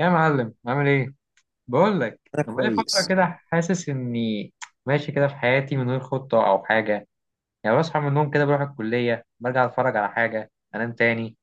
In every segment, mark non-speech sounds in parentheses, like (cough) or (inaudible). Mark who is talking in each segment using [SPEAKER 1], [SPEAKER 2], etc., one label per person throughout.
[SPEAKER 1] يا معلم، عامل ايه؟ بقول لك
[SPEAKER 2] انا
[SPEAKER 1] انا بقالي فتره
[SPEAKER 2] كويس.
[SPEAKER 1] كده. حاسس اني ماشي كده في حياتي من غير خطه او حاجه. يعني بصحى من النوم كده، بروح الكليه، برجع اتفرج على حاجه، انام تاني.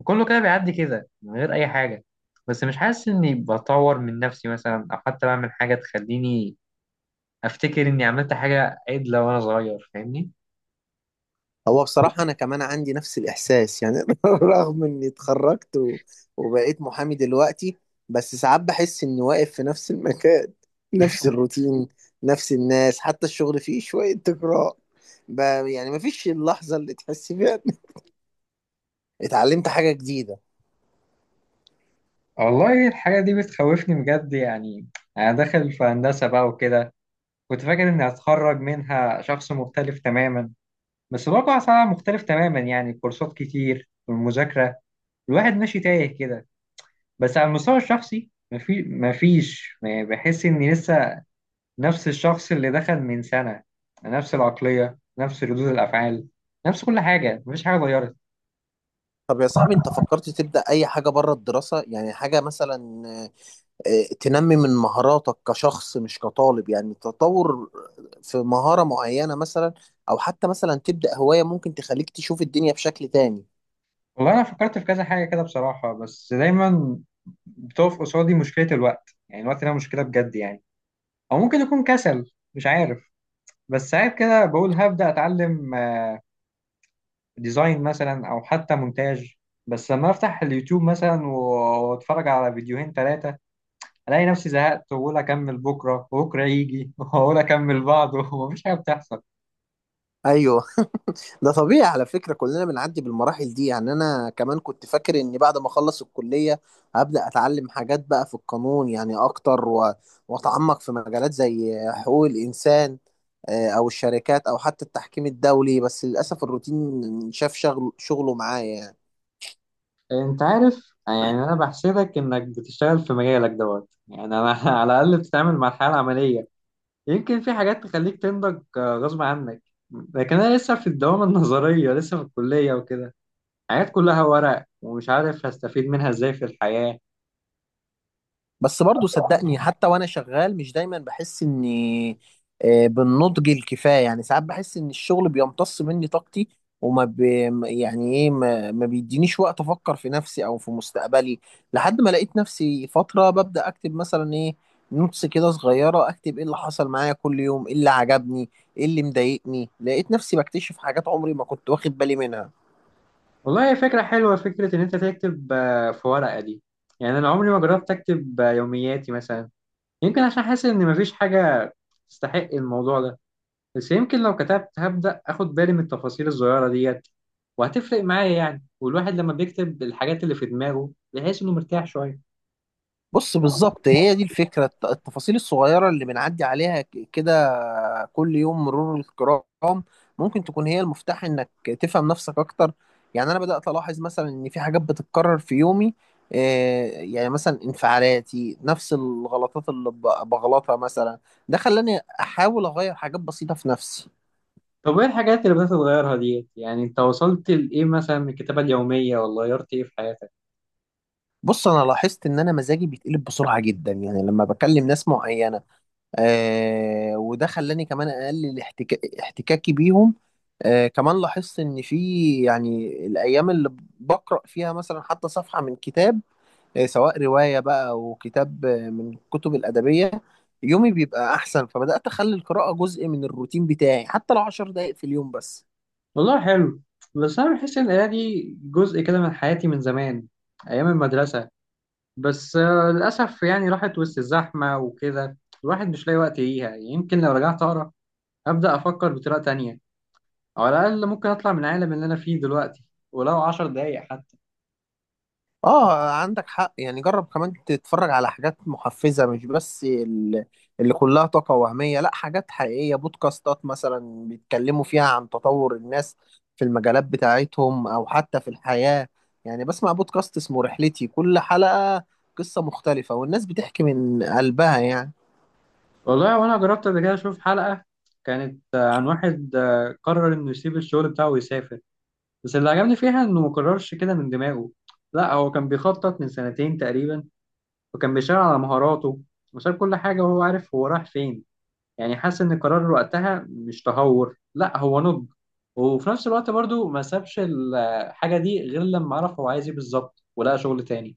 [SPEAKER 1] وكله كده بيعدي كده من غير اي حاجه. بس مش حاسس اني بطور من نفسي مثلا، او حتى بعمل حاجه تخليني افتكر اني عملت حاجه عدله وانا صغير، فاهمني؟
[SPEAKER 2] هو بصراحة انا كمان عندي نفس الاحساس، يعني (laughs) رغم اني اتخرجت وبقيت محامي دلوقتي. بس ساعات بحس اني واقف في نفس المكان، نفس الروتين، نفس الناس، حتى الشغل فيه شوية تكرار ب... يعني مفيش اللحظة اللي تحس فيها إن (laughs) اتعلمت حاجة جديدة.
[SPEAKER 1] والله الحاجه دي بتخوفني بجد يعني. انا داخل في هندسه بقى وكده، كنت فاكر اني هتخرج منها شخص مختلف تماما. بس برضه على العالم مختلف تماما، يعني الكورسات كتير والمذاكرة، الواحد ماشي تايه كده. بس على المستوى الشخصي مفيش يعني، بحس إني لسه نفس الشخص اللي دخل من سنة. نفس العقلية، نفس ردود الأفعال، نفس كل حاجة، مفيش حاجة اتغيرت.
[SPEAKER 2] طب يا صاحبي، انت فكرت تبدأ اي حاجة بره الدراسة؟ يعني حاجة مثلا تنمي من مهاراتك كشخص مش كطالب، يعني تطور في مهارة معينة مثلا، أو حتى مثلا تبدأ هواية ممكن تخليك تشوف الدنيا بشكل تاني.
[SPEAKER 1] والله أنا فكرت في كذا حاجة كده بصراحة، بس دايما بتقف قصادي مشكلة الوقت. يعني الوقت ده مشكلة بجد يعني، أو ممكن يكون كسل، مش عارف. بس ساعات كده بقول هبدأ أتعلم ديزاين مثلا او حتى مونتاج. بس لما افتح اليوتيوب مثلا واتفرج على فيديوهين ثلاثه، الاقي نفسي زهقت واقول اكمل بكره، وبكره يجي (laughs) واقول اكمل بعده (laughs) ومفيش حاجه بتحصل.
[SPEAKER 2] ايوه، ده طبيعي على فكره، كلنا بنعدي بالمراحل دي. يعني انا كمان كنت فاكر اني بعد ما اخلص الكليه هبدا اتعلم حاجات بقى في القانون، يعني اكتر واتعمق في مجالات زي حقوق الانسان او الشركات او حتى التحكيم الدولي، بس للاسف الروتين شاف شغل شغله معايا يعني.
[SPEAKER 1] انت عارف يعني انا بحسدك انك بتشتغل في مجالك دوت. يعني انا (laughs) على الاقل بتتعامل مع الحياه العمليه، يمكن في حاجات تخليك تنضج غصب عنك. لكن انا لسه في الدوامه النظريه، لسه في الكليه وكده، حاجات كلها ورق ومش عارف هستفيد منها ازاي في الحياه.
[SPEAKER 2] بس برضو صدقني حتى وانا شغال مش دايما بحس اني بالنضج الكفايه. يعني ساعات بحس ان الشغل بيمتص مني طاقتي وما ب... يعني ايه، ما بيدينيش وقت افكر في نفسي او في مستقبلي. لحد ما لقيت نفسي فتره ببدا اكتب مثلا ايه، نوتس كده صغيره، اكتب ايه اللي حصل معايا كل يوم، ايه اللي عجبني، ايه اللي مضايقني. لقيت نفسي بكتشف حاجات عمري ما كنت واخد بالي منها.
[SPEAKER 1] والله هي فكرة حلوة، فكرة إن أنت تكتب في ورقة دي. يعني أنا عمري ما جربت أكتب يومياتي مثلا. يمكن عشان حاسس إن مفيش حاجة تستحق الموضوع ده. بس يمكن لو كتبت هبدأ أخد بالي من التفاصيل الصغيرة ديت، وهتفرق معايا يعني. والواحد لما بيكتب الحاجات اللي في دماغه بيحس إنه مرتاح شوية.
[SPEAKER 2] بص، بالظبط هي دي الفكرة، التفاصيل الصغيرة اللي بنعدي عليها كده كل يوم مرور الكرام ممكن تكون هي المفتاح انك تفهم نفسك اكتر. يعني انا بدأت الاحظ مثلا ان في حاجات بتتكرر في يومي، يعني مثلا انفعالاتي، نفس الغلطات اللي بغلطها مثلا. ده خلاني احاول اغير حاجات بسيطة في نفسي.
[SPEAKER 1] طب إيه الحاجات اللي بدأت تتغيرها ديت؟ يعني أنت وصلت لإيه مثلا من الكتابة اليومية؟ ولا غيرت إيه في حياتك؟
[SPEAKER 2] بص، انا لاحظت ان انا مزاجي بيتقلب بسرعة جدا يعني لما بكلم ناس معينة، آه، وده خلاني كمان اقلل احتكاكي بيهم. آه، كمان لاحظت ان في، يعني الايام اللي بقرا فيها مثلا حتى صفحه من كتاب، آه، سواء روايه بقى او كتاب، آه، من الكتب الادبيه، يومي بيبقى احسن. فبدات اخلي القراءه جزء من الروتين بتاعي حتى لو 10 دقائق في اليوم بس.
[SPEAKER 1] والله حلو، بس أنا بحس إن القراية دي جزء كده من حياتي من زمان، أيام المدرسة. بس للأسف يعني راحت وسط الزحمة وكده، الواحد مش لاقي وقت ليها. يمكن لو رجعت أقرأ أبدأ أفكر بطريقة تانية، أو على الأقل ممكن أطلع من العالم اللي أنا فيه دلوقتي، ولو عشر دقايق حتى.
[SPEAKER 2] اه، عندك حق. يعني جرب كمان تتفرج على حاجات محفزة، مش بس اللي كلها طاقة وهمية، لا، حاجات حقيقية، بودكاستات مثلا بيتكلموا فيها عن تطور الناس في المجالات بتاعتهم او حتى في الحياة. يعني بسمع بودكاست اسمه رحلتي، كل حلقة قصة مختلفة والناس بتحكي من قلبها يعني.
[SPEAKER 1] والله وأنا جربت قبل كده أشوف حلقة، كانت عن واحد قرر إنه يسيب الشغل بتاعه ويسافر. بس اللي عجبني فيها إنه مقررش كده من دماغه، لا هو كان بيخطط من سنتين تقريبا، وكان بيشتغل على مهاراته، وساب كل حاجة وهو عارف هو رايح فين. يعني حاسس ان قرار وقتها مش تهور، لا هو نضج. وفي نفس الوقت برضو ما سابش الحاجة دي غير لما عرف هو عايز ايه بالظبط ولقى شغل تاني.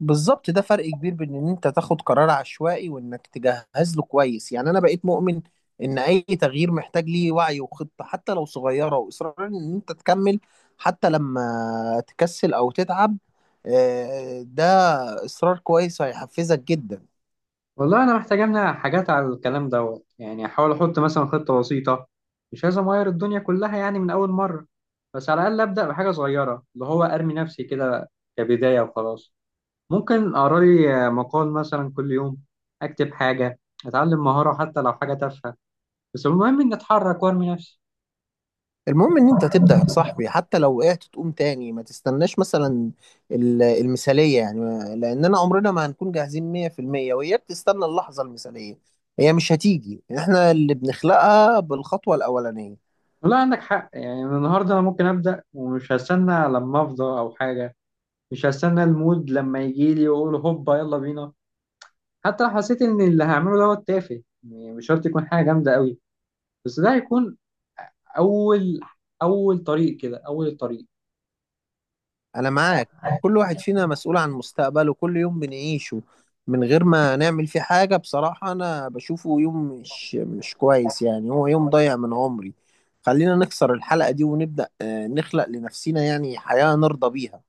[SPEAKER 2] بالظبط، ده فرق كبير بين ان انت تاخد قرار عشوائي وانك تجهز له كويس. يعني انا بقيت مؤمن ان اي تغيير محتاج ليه وعي وخطة حتى لو صغيرة، واصرار ان انت تكمل حتى لما تكسل او تتعب. ده اصرار كويس هيحفزك جدا.
[SPEAKER 1] والله انا محتاج امنع حاجات على الكلام دوت. يعني احاول احط مثلا خطة بسيطة، مش لازم اغير الدنيا كلها يعني من اول مرة. بس على الاقل ابدا بحاجة صغيرة، اللي هو ارمي نفسي كده كبداية وخلاص. ممكن اقرا لي مقال مثلا كل يوم، اكتب حاجة، اتعلم مهارة حتى لو حاجة تافهة. بس المهم اني اتحرك وارمي نفسي.
[SPEAKER 2] المهم ان انت تبدأ يا صاحبي، حتى لو وقعت تقوم تاني، ما تستناش مثلا المثالية. يعني لاننا عمرنا ما هنكون جاهزين 100% وإياك تستنى اللحظة المثالية، هي مش هتيجي، احنا اللي بنخلقها بالخطوة الأولانية.
[SPEAKER 1] لا عندك حق يعني، من النهارده انا ممكن ابدا ومش هستنى لما افضى او حاجه. مش هستنى المود لما يجي لي واقول هوبا يلا بينا. حتى لو حسيت ان اللي هعمله دوت تافه يعني، مش شرط يكون حاجه جامده قوي. بس ده هيكون اول اول طريق كده اول الطريق.
[SPEAKER 2] انا معاك. كل واحد فينا مسؤول عن مستقبله. كل يوم بنعيشه من غير ما نعمل فيه حاجة بصراحة انا بشوفه يوم مش كويس، يعني هو يوم ضايع من عمري. خلينا نكسر الحلقة دي ونبدأ نخلق لنفسنا يعني حياة نرضى بيها.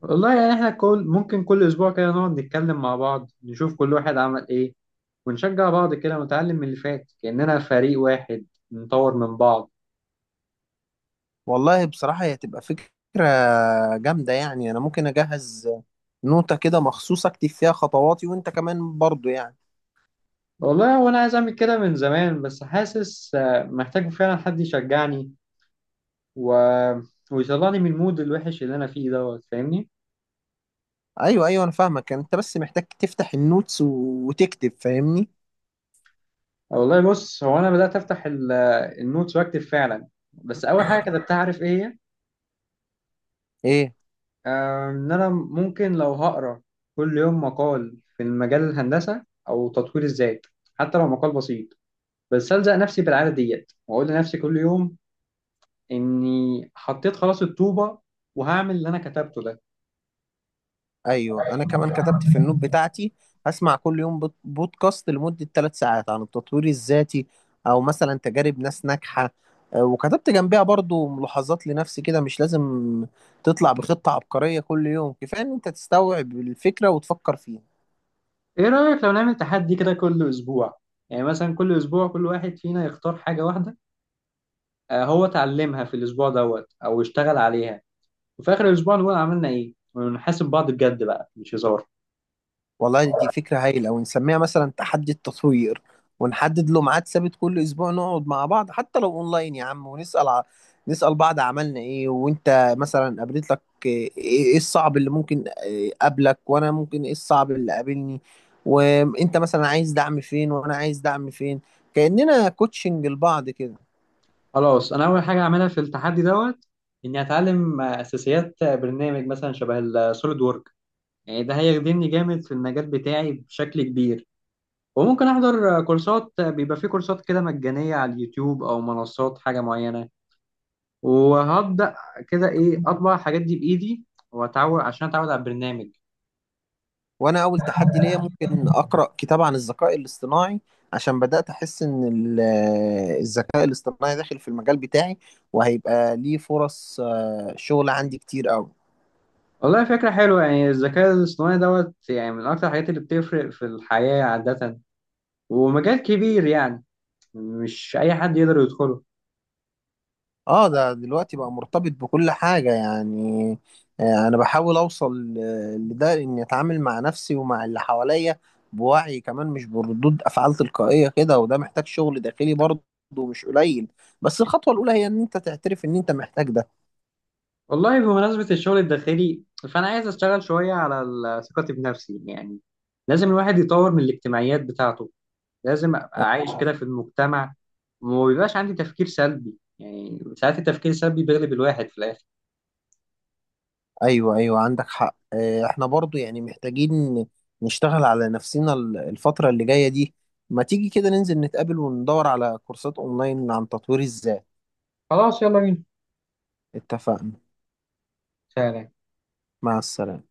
[SPEAKER 1] والله يعني احنا ممكن كل اسبوع كده نقعد نتكلم مع بعض، نشوف كل واحد عمل ايه، ونشجع بعض كده، ونتعلم من اللي فات كاننا فريق واحد، نطور من بعض.
[SPEAKER 2] والله بصراحة هي هتبقى فكرة جامدة. يعني أنا ممكن أجهز نوتة كده مخصوص أكتب فيها خطواتي، وأنت كمان برضو يعني.
[SPEAKER 1] والله وانا عايز اعمل كده من زمان، بس حاسس محتاج فعلا حد يشجعني و... ويطلعني من المود الوحش اللي انا فيه دوت، فاهمني؟
[SPEAKER 2] أيوه أيوه، أنا فاهمك، أنت بس محتاج تفتح النوتس وتكتب، فاهمني؟
[SPEAKER 1] والله بص، هو انا بدات افتح النوتس واكتب فعلا. بس اول حاجه كتبتها عارف ايه هي؟
[SPEAKER 2] إيه.
[SPEAKER 1] ان انا ممكن لو هقرا كل يوم مقال في المجال الهندسه او تطوير الذات، حتى لو مقال بسيط، بس الزق نفسي بالعاده ديت واقول لنفسي كل يوم اني حطيت خلاص الطوبه، وهعمل اللي انا كتبته ده.
[SPEAKER 2] أيوه، أنا كمان كتبت في النوت بتاعتي هسمع كل يوم بودكاست لمدة 3 ساعات عن التطوير الذاتي، أو مثلا تجارب ناس ناجحة. وكتبت جنبها برضو ملاحظات لنفسي كده. مش لازم تطلع بخطة عبقرية كل يوم، كفاية إن أنت تستوعب الفكرة وتفكر فيها.
[SPEAKER 1] ايه رأيك لو نعمل تحدي كده كل اسبوع؟ يعني مثلا كل اسبوع كل واحد فينا يختار حاجة واحدة هو اتعلمها في الاسبوع دوت او اشتغل عليها، وفي اخر الاسبوع نقول عملنا ايه، ونحاسب بعض بجد بقى، مش هزار.
[SPEAKER 2] والله دي فكرة هايلة، ونسميها مثلا تحدي التطوير، ونحدد له ميعاد ثابت كل أسبوع نقعد مع بعض حتى لو أونلاين يا عم، ونسأل نسأل بعض عملنا إيه، وأنت مثلا قابلت لك إيه، إيه الصعب اللي ممكن إيه قابلك، وأنا ممكن إيه الصعب اللي قابلني، وأنت مثلا عايز دعم فين، وأنا عايز دعم فين، كأننا كوتشنج لبعض كده.
[SPEAKER 1] خلاص انا اول حاجة اعملها في التحدي دوت اني اتعلم اساسيات برنامج مثلا شبه السوليد وورك. يعني ده هيخدمني جامد في المجال بتاعي بشكل كبير. وممكن احضر كورسات، بيبقى في كورسات كده مجانية على اليوتيوب او منصات حاجة معينة، وهبدأ كده إيه أطبع الحاجات دي بإيدي عشان أتعود على البرنامج.
[SPEAKER 2] وانا اول تحدي ليا ممكن اقرا كتاب عن الذكاء الاصطناعي، عشان بدات احس ان الذكاء الاصطناعي داخل في المجال بتاعي وهيبقى ليه فرص شغل عندي كتير قوي.
[SPEAKER 1] والله فكرة حلوة يعني، الذكاء الاصطناعي دوت يعني من أكتر الحاجات اللي بتفرق في الحياة عادة، ومجال كبير يعني، مش أي حد يقدر يدخله.
[SPEAKER 2] اه، ده دلوقتي بقى مرتبط بكل حاجه يعني. انا بحاول اوصل لده، اني اتعامل مع نفسي ومع اللي حواليا بوعي كمان، مش بردود افعال تلقائيه كده، وده محتاج شغل داخلي برضه مش قليل. بس الخطوه الاولى هي ان انت تعترف ان انت محتاج ده.
[SPEAKER 1] والله بمناسبة الشغل الداخلي، فأنا عايز أشتغل شوية على ثقتي بنفسي يعني. لازم الواحد يطور من الاجتماعيات بتاعته، لازم أبقى عايش كده في المجتمع، وما بيبقاش عندي تفكير سلبي. يعني ساعات التفكير السلبي بيغلب الواحد في الآخر.
[SPEAKER 2] ايوه ايوه، عندك حق. احنا برضو يعني محتاجين نشتغل على نفسنا الفترة اللي جاية دي. ما تيجي كده ننزل نتقابل وندور على كورسات اونلاين عن تطوير الذات.
[SPEAKER 1] خلاص يلا بينا.
[SPEAKER 2] اتفقنا.
[SPEAKER 1] فعلا.
[SPEAKER 2] مع السلامة.